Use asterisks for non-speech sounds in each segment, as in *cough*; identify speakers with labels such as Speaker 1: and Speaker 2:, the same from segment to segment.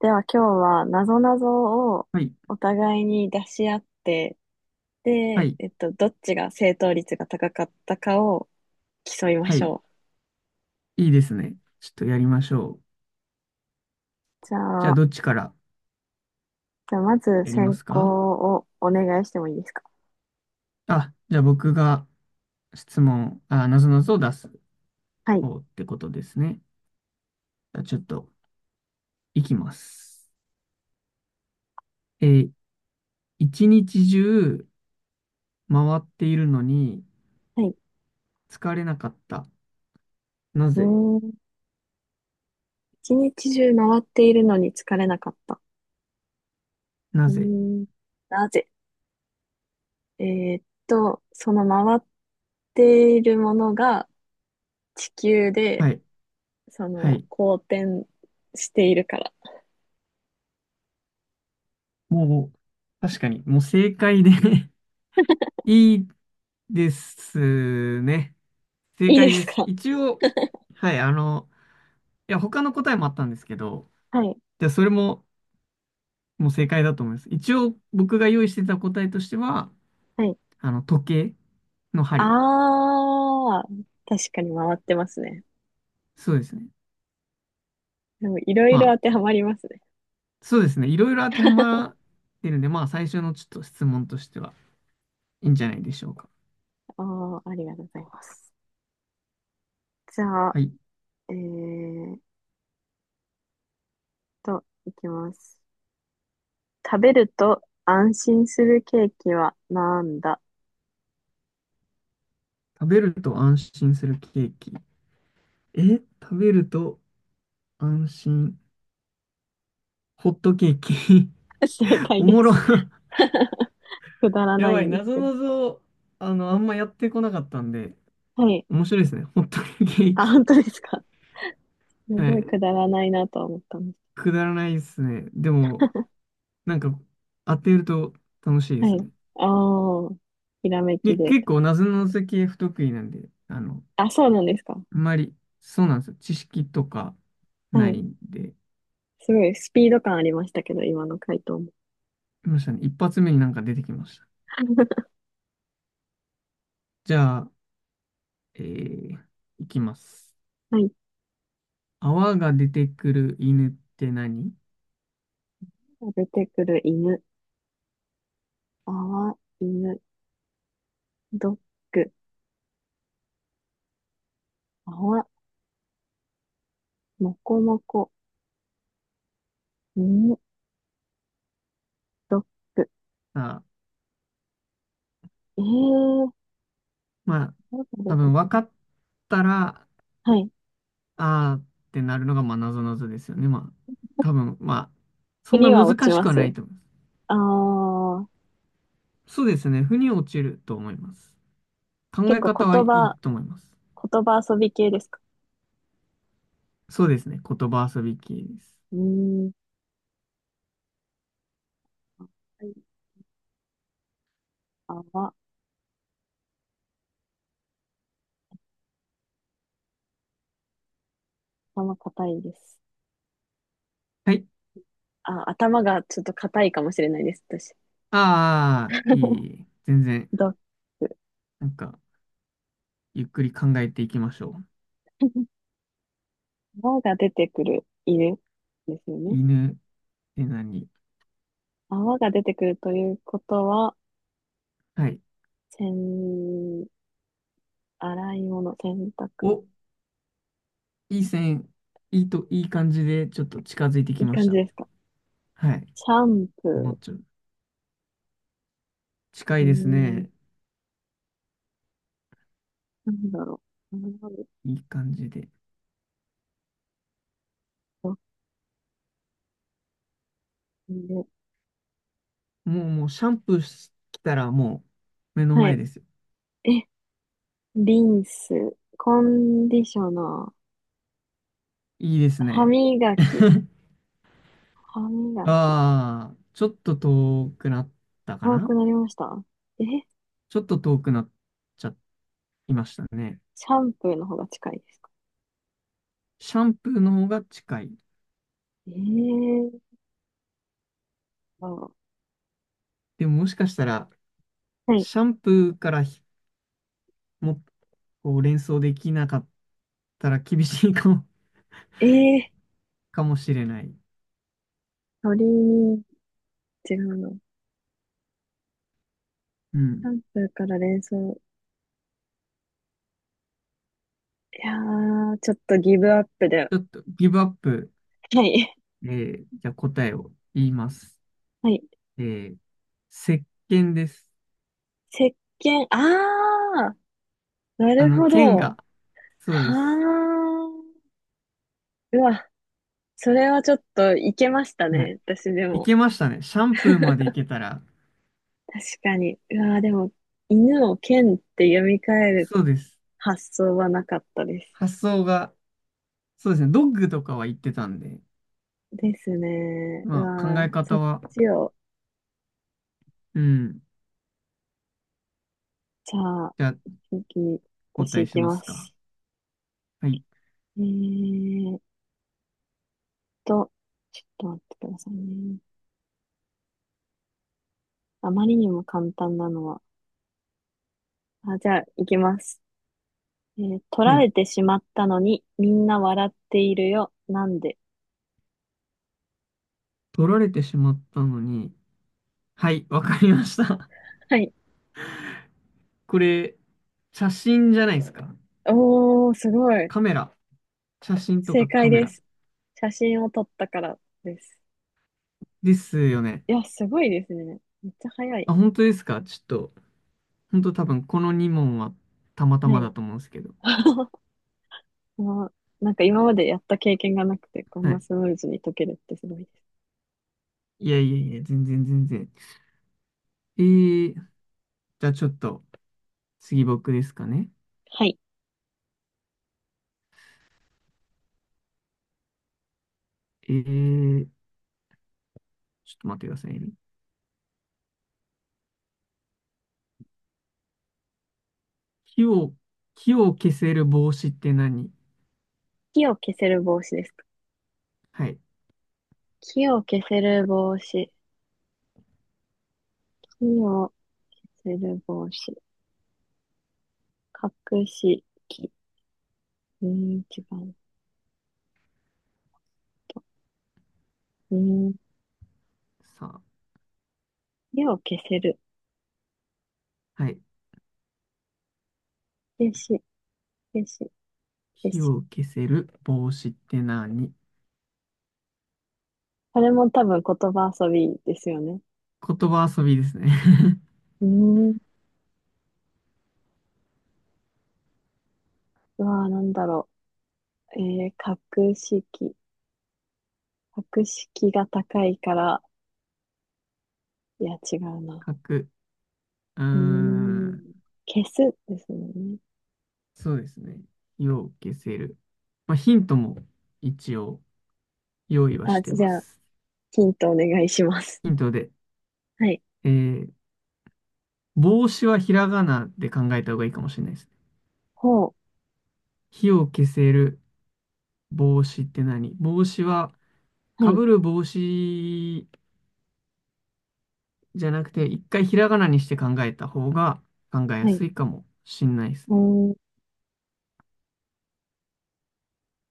Speaker 1: では今日はなぞなぞを
Speaker 2: はい、
Speaker 1: お互いに出し合って、
Speaker 2: は
Speaker 1: で、
Speaker 2: い、
Speaker 1: どっちが正答率が高かったかを競いま
Speaker 2: は
Speaker 1: し
Speaker 2: い、
Speaker 1: ょう。
Speaker 2: いいですね。ちょっとやりましょう。
Speaker 1: じ
Speaker 2: じ
Speaker 1: ゃ
Speaker 2: ゃあ、
Speaker 1: あ、
Speaker 2: どっちから
Speaker 1: じゃあまず
Speaker 2: やりま
Speaker 1: 先
Speaker 2: す
Speaker 1: 行
Speaker 2: か？
Speaker 1: をお願いしてもいいですか？
Speaker 2: あ、じゃあ僕が質問、あ、なぞなぞを出す
Speaker 1: はい。
Speaker 2: 方ってことですね。じゃあちょっと、いきます。えー一日中回っているのに
Speaker 1: はい。
Speaker 2: 疲れなかった。な
Speaker 1: う
Speaker 2: ぜ？
Speaker 1: ーん。一日中回っているのに疲れなかった。
Speaker 2: な
Speaker 1: うー
Speaker 2: ぜ？
Speaker 1: ん。なぜ？その回っているものが地球で、
Speaker 2: はい、
Speaker 1: そ
Speaker 2: は
Speaker 1: の、
Speaker 2: い。
Speaker 1: 公転しているから。
Speaker 2: もう、確かに、もう正解で *laughs* いいですね。正
Speaker 1: いい
Speaker 2: 解
Speaker 1: で
Speaker 2: で
Speaker 1: す
Speaker 2: す。
Speaker 1: か？
Speaker 2: 一応、はい、いや、他の答えもあったんですけど、
Speaker 1: はい。
Speaker 2: じゃあそれももう正解だと思います。一応僕が用意してた答えとしては、
Speaker 1: はい。
Speaker 2: 時計の
Speaker 1: あ
Speaker 2: 針。
Speaker 1: あ、確かに回ってますね。
Speaker 2: そうですね。
Speaker 1: でもいろい
Speaker 2: ま
Speaker 1: ろ
Speaker 2: あ、
Speaker 1: 当てはまりますね。
Speaker 2: そうですね。いろいろ当てはま
Speaker 1: *laughs*
Speaker 2: ってるんで、まあ最初のちょっと質問としてはいいんじゃないでしょうか。
Speaker 1: ああ、ありがとうございます。じゃあ、
Speaker 2: はい。
Speaker 1: えーっいきます。食べると安心するケーキはなんだ？
Speaker 2: 食べると安心するケーキ。え、食べると安心。ホットケーキ。
Speaker 1: *laughs* 正
Speaker 2: *laughs*
Speaker 1: 解
Speaker 2: お
Speaker 1: で
Speaker 2: もろ。
Speaker 1: す。*laughs* くだ
Speaker 2: *laughs*
Speaker 1: ら
Speaker 2: や
Speaker 1: ない
Speaker 2: ばい。
Speaker 1: んで
Speaker 2: な
Speaker 1: す
Speaker 2: ぞ
Speaker 1: けど。
Speaker 2: なぞ、あんまやってこなかったんで、
Speaker 1: はい。
Speaker 2: 面白いですね。ホットケー
Speaker 1: あ、
Speaker 2: キ。
Speaker 1: 本当ですか？す
Speaker 2: は
Speaker 1: ごい
Speaker 2: い。
Speaker 1: くだらないなと思ったんです。
Speaker 2: くだらないですね。でも、なんか、当てると楽しいで
Speaker 1: は
Speaker 2: すね。
Speaker 1: い。ああ、ひらめき
Speaker 2: で、
Speaker 1: で。
Speaker 2: 結構、なぞなぞ系不得意なんで、
Speaker 1: あ、そうなんですか？
Speaker 2: あんまり、そうなんですよ。知識とか
Speaker 1: は
Speaker 2: な
Speaker 1: い。
Speaker 2: いんで、
Speaker 1: すごいスピード感ありましたけど、今の回答も。
Speaker 2: いましたね。一発目になんか出てきました。
Speaker 1: *laughs*
Speaker 2: じゃあ、えー、いきます。
Speaker 1: はい。
Speaker 2: 泡が出てくる犬って何？
Speaker 1: 出てくる犬。泡、犬、ドッグ。泡、もこもこ、犬、ドッグ。
Speaker 2: さあ、
Speaker 1: えー、
Speaker 2: まあ、
Speaker 1: どう出
Speaker 2: 多
Speaker 1: て
Speaker 2: 分
Speaker 1: く
Speaker 2: 分か
Speaker 1: る？
Speaker 2: ったら、
Speaker 1: はい。
Speaker 2: あーってなるのが、まあ、なぞなぞですよね。まあ、多分、まあ、そんな
Speaker 1: 国は落
Speaker 2: 難
Speaker 1: ち
Speaker 2: し
Speaker 1: ま
Speaker 2: くはな
Speaker 1: す。
Speaker 2: いと思う。
Speaker 1: あー、
Speaker 2: そうですね。腑に落ちると思います。考
Speaker 1: 結
Speaker 2: え
Speaker 1: 構
Speaker 2: 方は
Speaker 1: 言
Speaker 2: いい
Speaker 1: 葉、
Speaker 2: と思います。
Speaker 1: 言葉遊び系ですか？
Speaker 2: そうですね。言葉遊び系です。
Speaker 1: うーん。はい。泡、頭硬いです。
Speaker 2: はい。
Speaker 1: あ、頭がちょっと硬いかもしれないです、私。
Speaker 2: ああ、いい。全然、
Speaker 1: *laughs* ドッグ。
Speaker 2: なんか、ゆっくり考えていきましょう。
Speaker 1: 泡が出てくる犬ですよね。
Speaker 2: 犬って何？
Speaker 1: 泡が出てくるということは、
Speaker 2: はい。
Speaker 1: せん、洗い物、洗濯。
Speaker 2: お、いい線、いい感じで、ちょっと近づいて
Speaker 1: い
Speaker 2: き
Speaker 1: い
Speaker 2: まし
Speaker 1: 感じ
Speaker 2: た。
Speaker 1: ですか？
Speaker 2: はい。
Speaker 1: シャン
Speaker 2: もう
Speaker 1: プ
Speaker 2: ちょ、近
Speaker 1: ー。
Speaker 2: い
Speaker 1: うー
Speaker 2: ですね。
Speaker 1: ん。なんだろう。
Speaker 2: いい感じで。
Speaker 1: う
Speaker 2: もう、もう、シャンプーし、来たらもう、目の
Speaker 1: は
Speaker 2: 前
Speaker 1: い。
Speaker 2: ですよ。
Speaker 1: え、リンス。コンディショナー。
Speaker 2: いいです
Speaker 1: 歯
Speaker 2: ね。
Speaker 1: 磨き。
Speaker 2: *laughs*
Speaker 1: 歯磨き。
Speaker 2: ああ、ちょっと遠くなったか
Speaker 1: 青
Speaker 2: な？
Speaker 1: くなりました？え、シ
Speaker 2: ちょっと遠くなっちゃいましたね。
Speaker 1: ャンプーの方が近いですか？
Speaker 2: シャンプーの方が近い。
Speaker 1: えーと、
Speaker 2: でももしかしたら、
Speaker 1: はい。
Speaker 2: シャンプーからも、こう連想できなかったら厳しいかも、
Speaker 1: えー、
Speaker 2: *laughs* かもしれない。
Speaker 1: 鳥に違うの。シ
Speaker 2: うん。
Speaker 1: ャンプーから連想。いやー、ちょっとギブアップで。
Speaker 2: ちょっとギブアップ。
Speaker 1: はい。
Speaker 2: じゃあ答えを言います。
Speaker 1: はい。
Speaker 2: えー、石鹸です。
Speaker 1: 石鹸。あーな
Speaker 2: あ
Speaker 1: る
Speaker 2: の、
Speaker 1: ほ
Speaker 2: 剣
Speaker 1: ど。
Speaker 2: が、そう
Speaker 1: は
Speaker 2: です。
Speaker 1: あ。うわ、それはちょっといけました
Speaker 2: はい。
Speaker 1: ね。私で
Speaker 2: い
Speaker 1: も。
Speaker 2: けましたね。シャンプーまでいけたら、
Speaker 1: 確かに。うわ、でも、犬を剣って読み替える
Speaker 2: そうです。
Speaker 1: 発想はなかったです。
Speaker 2: 発想が、そうですね。ドッグとかは言ってたんで、
Speaker 1: ですね。う
Speaker 2: まあ考
Speaker 1: わ、
Speaker 2: え
Speaker 1: そ
Speaker 2: 方
Speaker 1: っ
Speaker 2: は、
Speaker 1: ちを、
Speaker 2: うん。
Speaker 1: じゃあ、
Speaker 2: じゃあ、
Speaker 1: 次、
Speaker 2: お答
Speaker 1: 私
Speaker 2: え
Speaker 1: 行
Speaker 2: し
Speaker 1: き
Speaker 2: ま
Speaker 1: ま
Speaker 2: すか。
Speaker 1: す。
Speaker 2: はい。
Speaker 1: えーっと、ちょっと待ってくださいね。あまりにも簡単なのは。あ、じゃあ、行きます。えー、取
Speaker 2: は
Speaker 1: ら
Speaker 2: い。
Speaker 1: れてしまったのに、みんな笑っているよ。なんで？
Speaker 2: 取られてしまったのに。はい、わかりました。
Speaker 1: はい。
Speaker 2: *laughs* これ、写真じゃないですか。
Speaker 1: おー、すごい。
Speaker 2: カメラ。写真と
Speaker 1: 正
Speaker 2: かカ
Speaker 1: 解
Speaker 2: メ
Speaker 1: で
Speaker 2: ラ。
Speaker 1: す。写真を撮ったからです。
Speaker 2: ですよね。
Speaker 1: いや、すごいですね。めっちゃ早い。
Speaker 2: あ、本当ですか？ちょっと、本当多分この2問はたまた
Speaker 1: は
Speaker 2: ま
Speaker 1: い。
Speaker 2: だと思うんですけど。
Speaker 1: *laughs* まあ、なんか今までやった経験がなくて、こん
Speaker 2: は
Speaker 1: な
Speaker 2: い。
Speaker 1: スムーズに解けるってすごいです。
Speaker 2: いやいやいや、全然全然。えーじゃあちょっと、次僕ですかね。
Speaker 1: はい。
Speaker 2: えー、ちょっと待ってくださいね。火を、火を消せる帽子って何？
Speaker 1: 火を消せる帽子ですか？
Speaker 2: はい。
Speaker 1: 火を消せる帽子。火を消せる帽子。隠し木。うーん、違うと。うーん、
Speaker 2: さ
Speaker 1: 火を消せる。
Speaker 2: あ、はい。
Speaker 1: 消し、消し、消
Speaker 2: 火
Speaker 1: し。
Speaker 2: を消せる帽子って何？
Speaker 1: これも多分言葉遊びですよね。
Speaker 2: 言葉遊びですね。
Speaker 1: うーん。うわー、なんだろう。えー、格式。格式が高いから、いや、違うな。
Speaker 2: *laughs* 書く。うー
Speaker 1: うーん。
Speaker 2: ん、
Speaker 1: 消すですもんね。
Speaker 2: そうですね。火を消せる。まあ、ヒントも一応用意は
Speaker 1: あ、
Speaker 2: して
Speaker 1: じ
Speaker 2: ま
Speaker 1: ゃあ、
Speaker 2: す。
Speaker 1: ヒントお願いします。
Speaker 2: ヒントで、
Speaker 1: *laughs* はい。
Speaker 2: えー、帽子はひらがなで考えた方がいいかもしれないですね。
Speaker 1: ほう。
Speaker 2: 火を消せる帽子って何帽子は、
Speaker 1: は
Speaker 2: か
Speaker 1: い。
Speaker 2: ぶる帽子じゃなくて、一回ひらがなにして考えた方が考えや
Speaker 1: はい。
Speaker 2: すいかもしんないです
Speaker 1: う
Speaker 2: ね。
Speaker 1: ーん。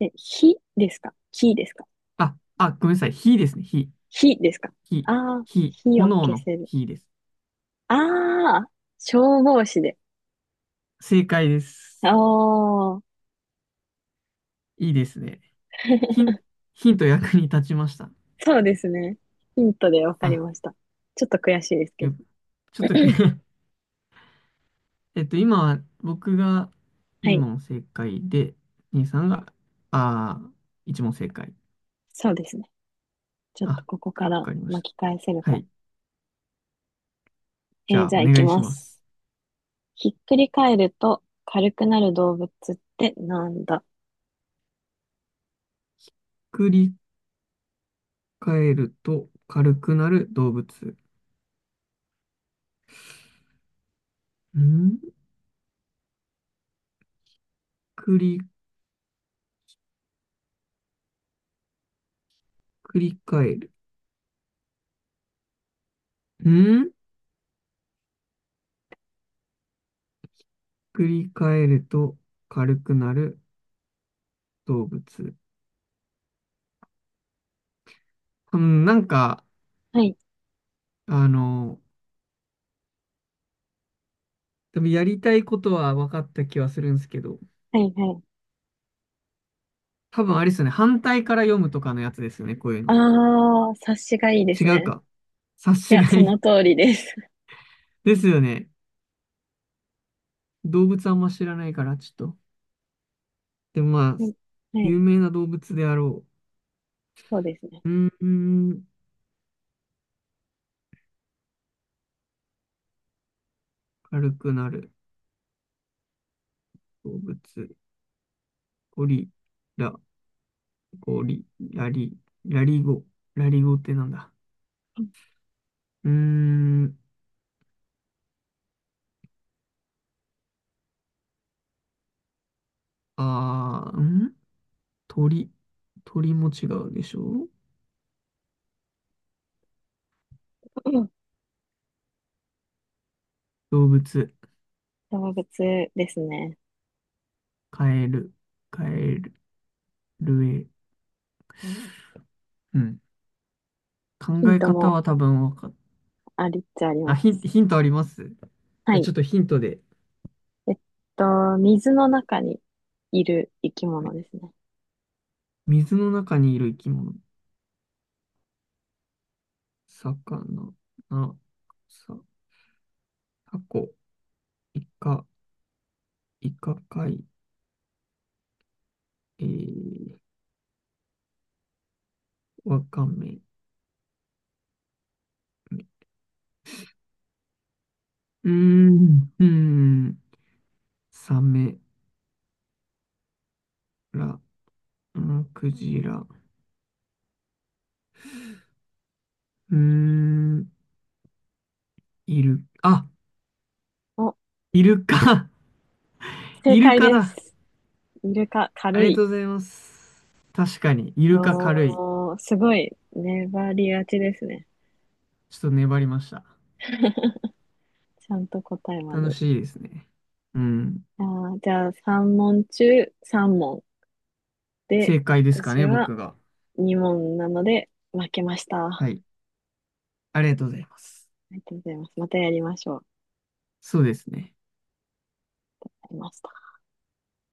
Speaker 1: え、火ですか？火ですか
Speaker 2: あ、あ、ごめんなさい。火ですね。
Speaker 1: 火ですか
Speaker 2: 火、
Speaker 1: ああー、
Speaker 2: 火、
Speaker 1: 火を
Speaker 2: 炎
Speaker 1: 消
Speaker 2: の
Speaker 1: せる。
Speaker 2: 火です。
Speaker 1: ああ、消防士で。
Speaker 2: 正解で
Speaker 1: あ
Speaker 2: す。
Speaker 1: あ。
Speaker 2: いいですね。ヒン、
Speaker 1: *laughs*
Speaker 2: ヒント役に立ちました。
Speaker 1: そうですね。ヒントでわかり
Speaker 2: あ、
Speaker 1: ました。ちょっと悔しいですけ
Speaker 2: よ
Speaker 1: ど。
Speaker 2: く、ちょっとく
Speaker 1: *clears throat*
Speaker 2: *laughs* えっと、今は僕が
Speaker 1: は
Speaker 2: 2
Speaker 1: い。
Speaker 2: 問正解で、兄さんが、あー、1問正解。
Speaker 1: そうですね。ちょ
Speaker 2: あ、
Speaker 1: っと
Speaker 2: わ
Speaker 1: ここから
Speaker 2: かりました。
Speaker 1: 巻き返せる
Speaker 2: は
Speaker 1: か。
Speaker 2: い。
Speaker 1: え
Speaker 2: じゃ
Speaker 1: ー
Speaker 2: あ、お
Speaker 1: じゃあ行き
Speaker 2: 願いし
Speaker 1: ま
Speaker 2: ま
Speaker 1: す。
Speaker 2: す。
Speaker 1: ひっくり返ると軽くなる動物ってなんだ？
Speaker 2: 繰り返ると軽くなる動物。ん、繰り、繰り返る。ん、繰り返ると軽くなる動物。うん、なんか、
Speaker 1: はい、
Speaker 2: あの、多分やりたいことは分かった気はするんですけど、
Speaker 1: はい。
Speaker 2: 多分あれですよね。反対から読むとかのやつですよね。こういう
Speaker 1: あ
Speaker 2: の。
Speaker 1: ー、察しがいいです
Speaker 2: 違う
Speaker 1: ね。
Speaker 2: か。察
Speaker 1: い
Speaker 2: し
Speaker 1: や、
Speaker 2: がい
Speaker 1: そ
Speaker 2: い
Speaker 1: の通りです。
Speaker 2: *laughs* ですよね。動物あんま知らないから、ちょっと。でもま
Speaker 1: *laughs*
Speaker 2: あ、
Speaker 1: はい。はい、
Speaker 2: 有名な動物であろ
Speaker 1: そうですね。
Speaker 2: う。うーん。軽くなる動物。ゴリラ、ゴリ、ラリ、ラリゴ。ラリゴってなんだ。うーん、あー、ん、鳥。鳥も違うでしょ？
Speaker 1: *laughs* うん。
Speaker 2: 動物。
Speaker 1: 動物ですね。
Speaker 2: カエル、カエル、ルエ。うん。考
Speaker 1: ヒン
Speaker 2: え
Speaker 1: ト
Speaker 2: 方
Speaker 1: も
Speaker 2: は多分わかっ、
Speaker 1: ありっちゃあり
Speaker 2: あ、
Speaker 1: ます。
Speaker 2: ヒントありますじ
Speaker 1: は
Speaker 2: ゃあち
Speaker 1: い。
Speaker 2: ょっとヒントで。
Speaker 1: えっと、水の中にいる生き
Speaker 2: は
Speaker 1: 物
Speaker 2: い、
Speaker 1: ですね。
Speaker 2: 水の中にいる生き物。魚、な、さ、タコ、イカ、イカ貝、えー、わかめ、うーん、うーん、サメラ、うん、クジラ、うーん、イル、あ、
Speaker 1: お、
Speaker 2: イルカ、*laughs*
Speaker 1: 正
Speaker 2: イル
Speaker 1: 解
Speaker 2: カ
Speaker 1: で
Speaker 2: だ。
Speaker 1: す。イルカ、
Speaker 2: あ
Speaker 1: 軽
Speaker 2: りが
Speaker 1: い。
Speaker 2: とうございます。確かに、イルカ軽い。
Speaker 1: おー、すごい、粘りがちですね。
Speaker 2: ちょっと粘りました。
Speaker 1: ちゃんと答えま
Speaker 2: 楽
Speaker 1: で。
Speaker 2: しいですね。うん、
Speaker 1: あー、じゃあ、3問中3問で、
Speaker 2: 正解ですか
Speaker 1: 私
Speaker 2: ね、
Speaker 1: は
Speaker 2: 僕が。
Speaker 1: 2問なので負けました。あ
Speaker 2: はい、ありがとうございます。
Speaker 1: りがとうございます。またやりましょう。
Speaker 2: そうですね。
Speaker 1: ありました。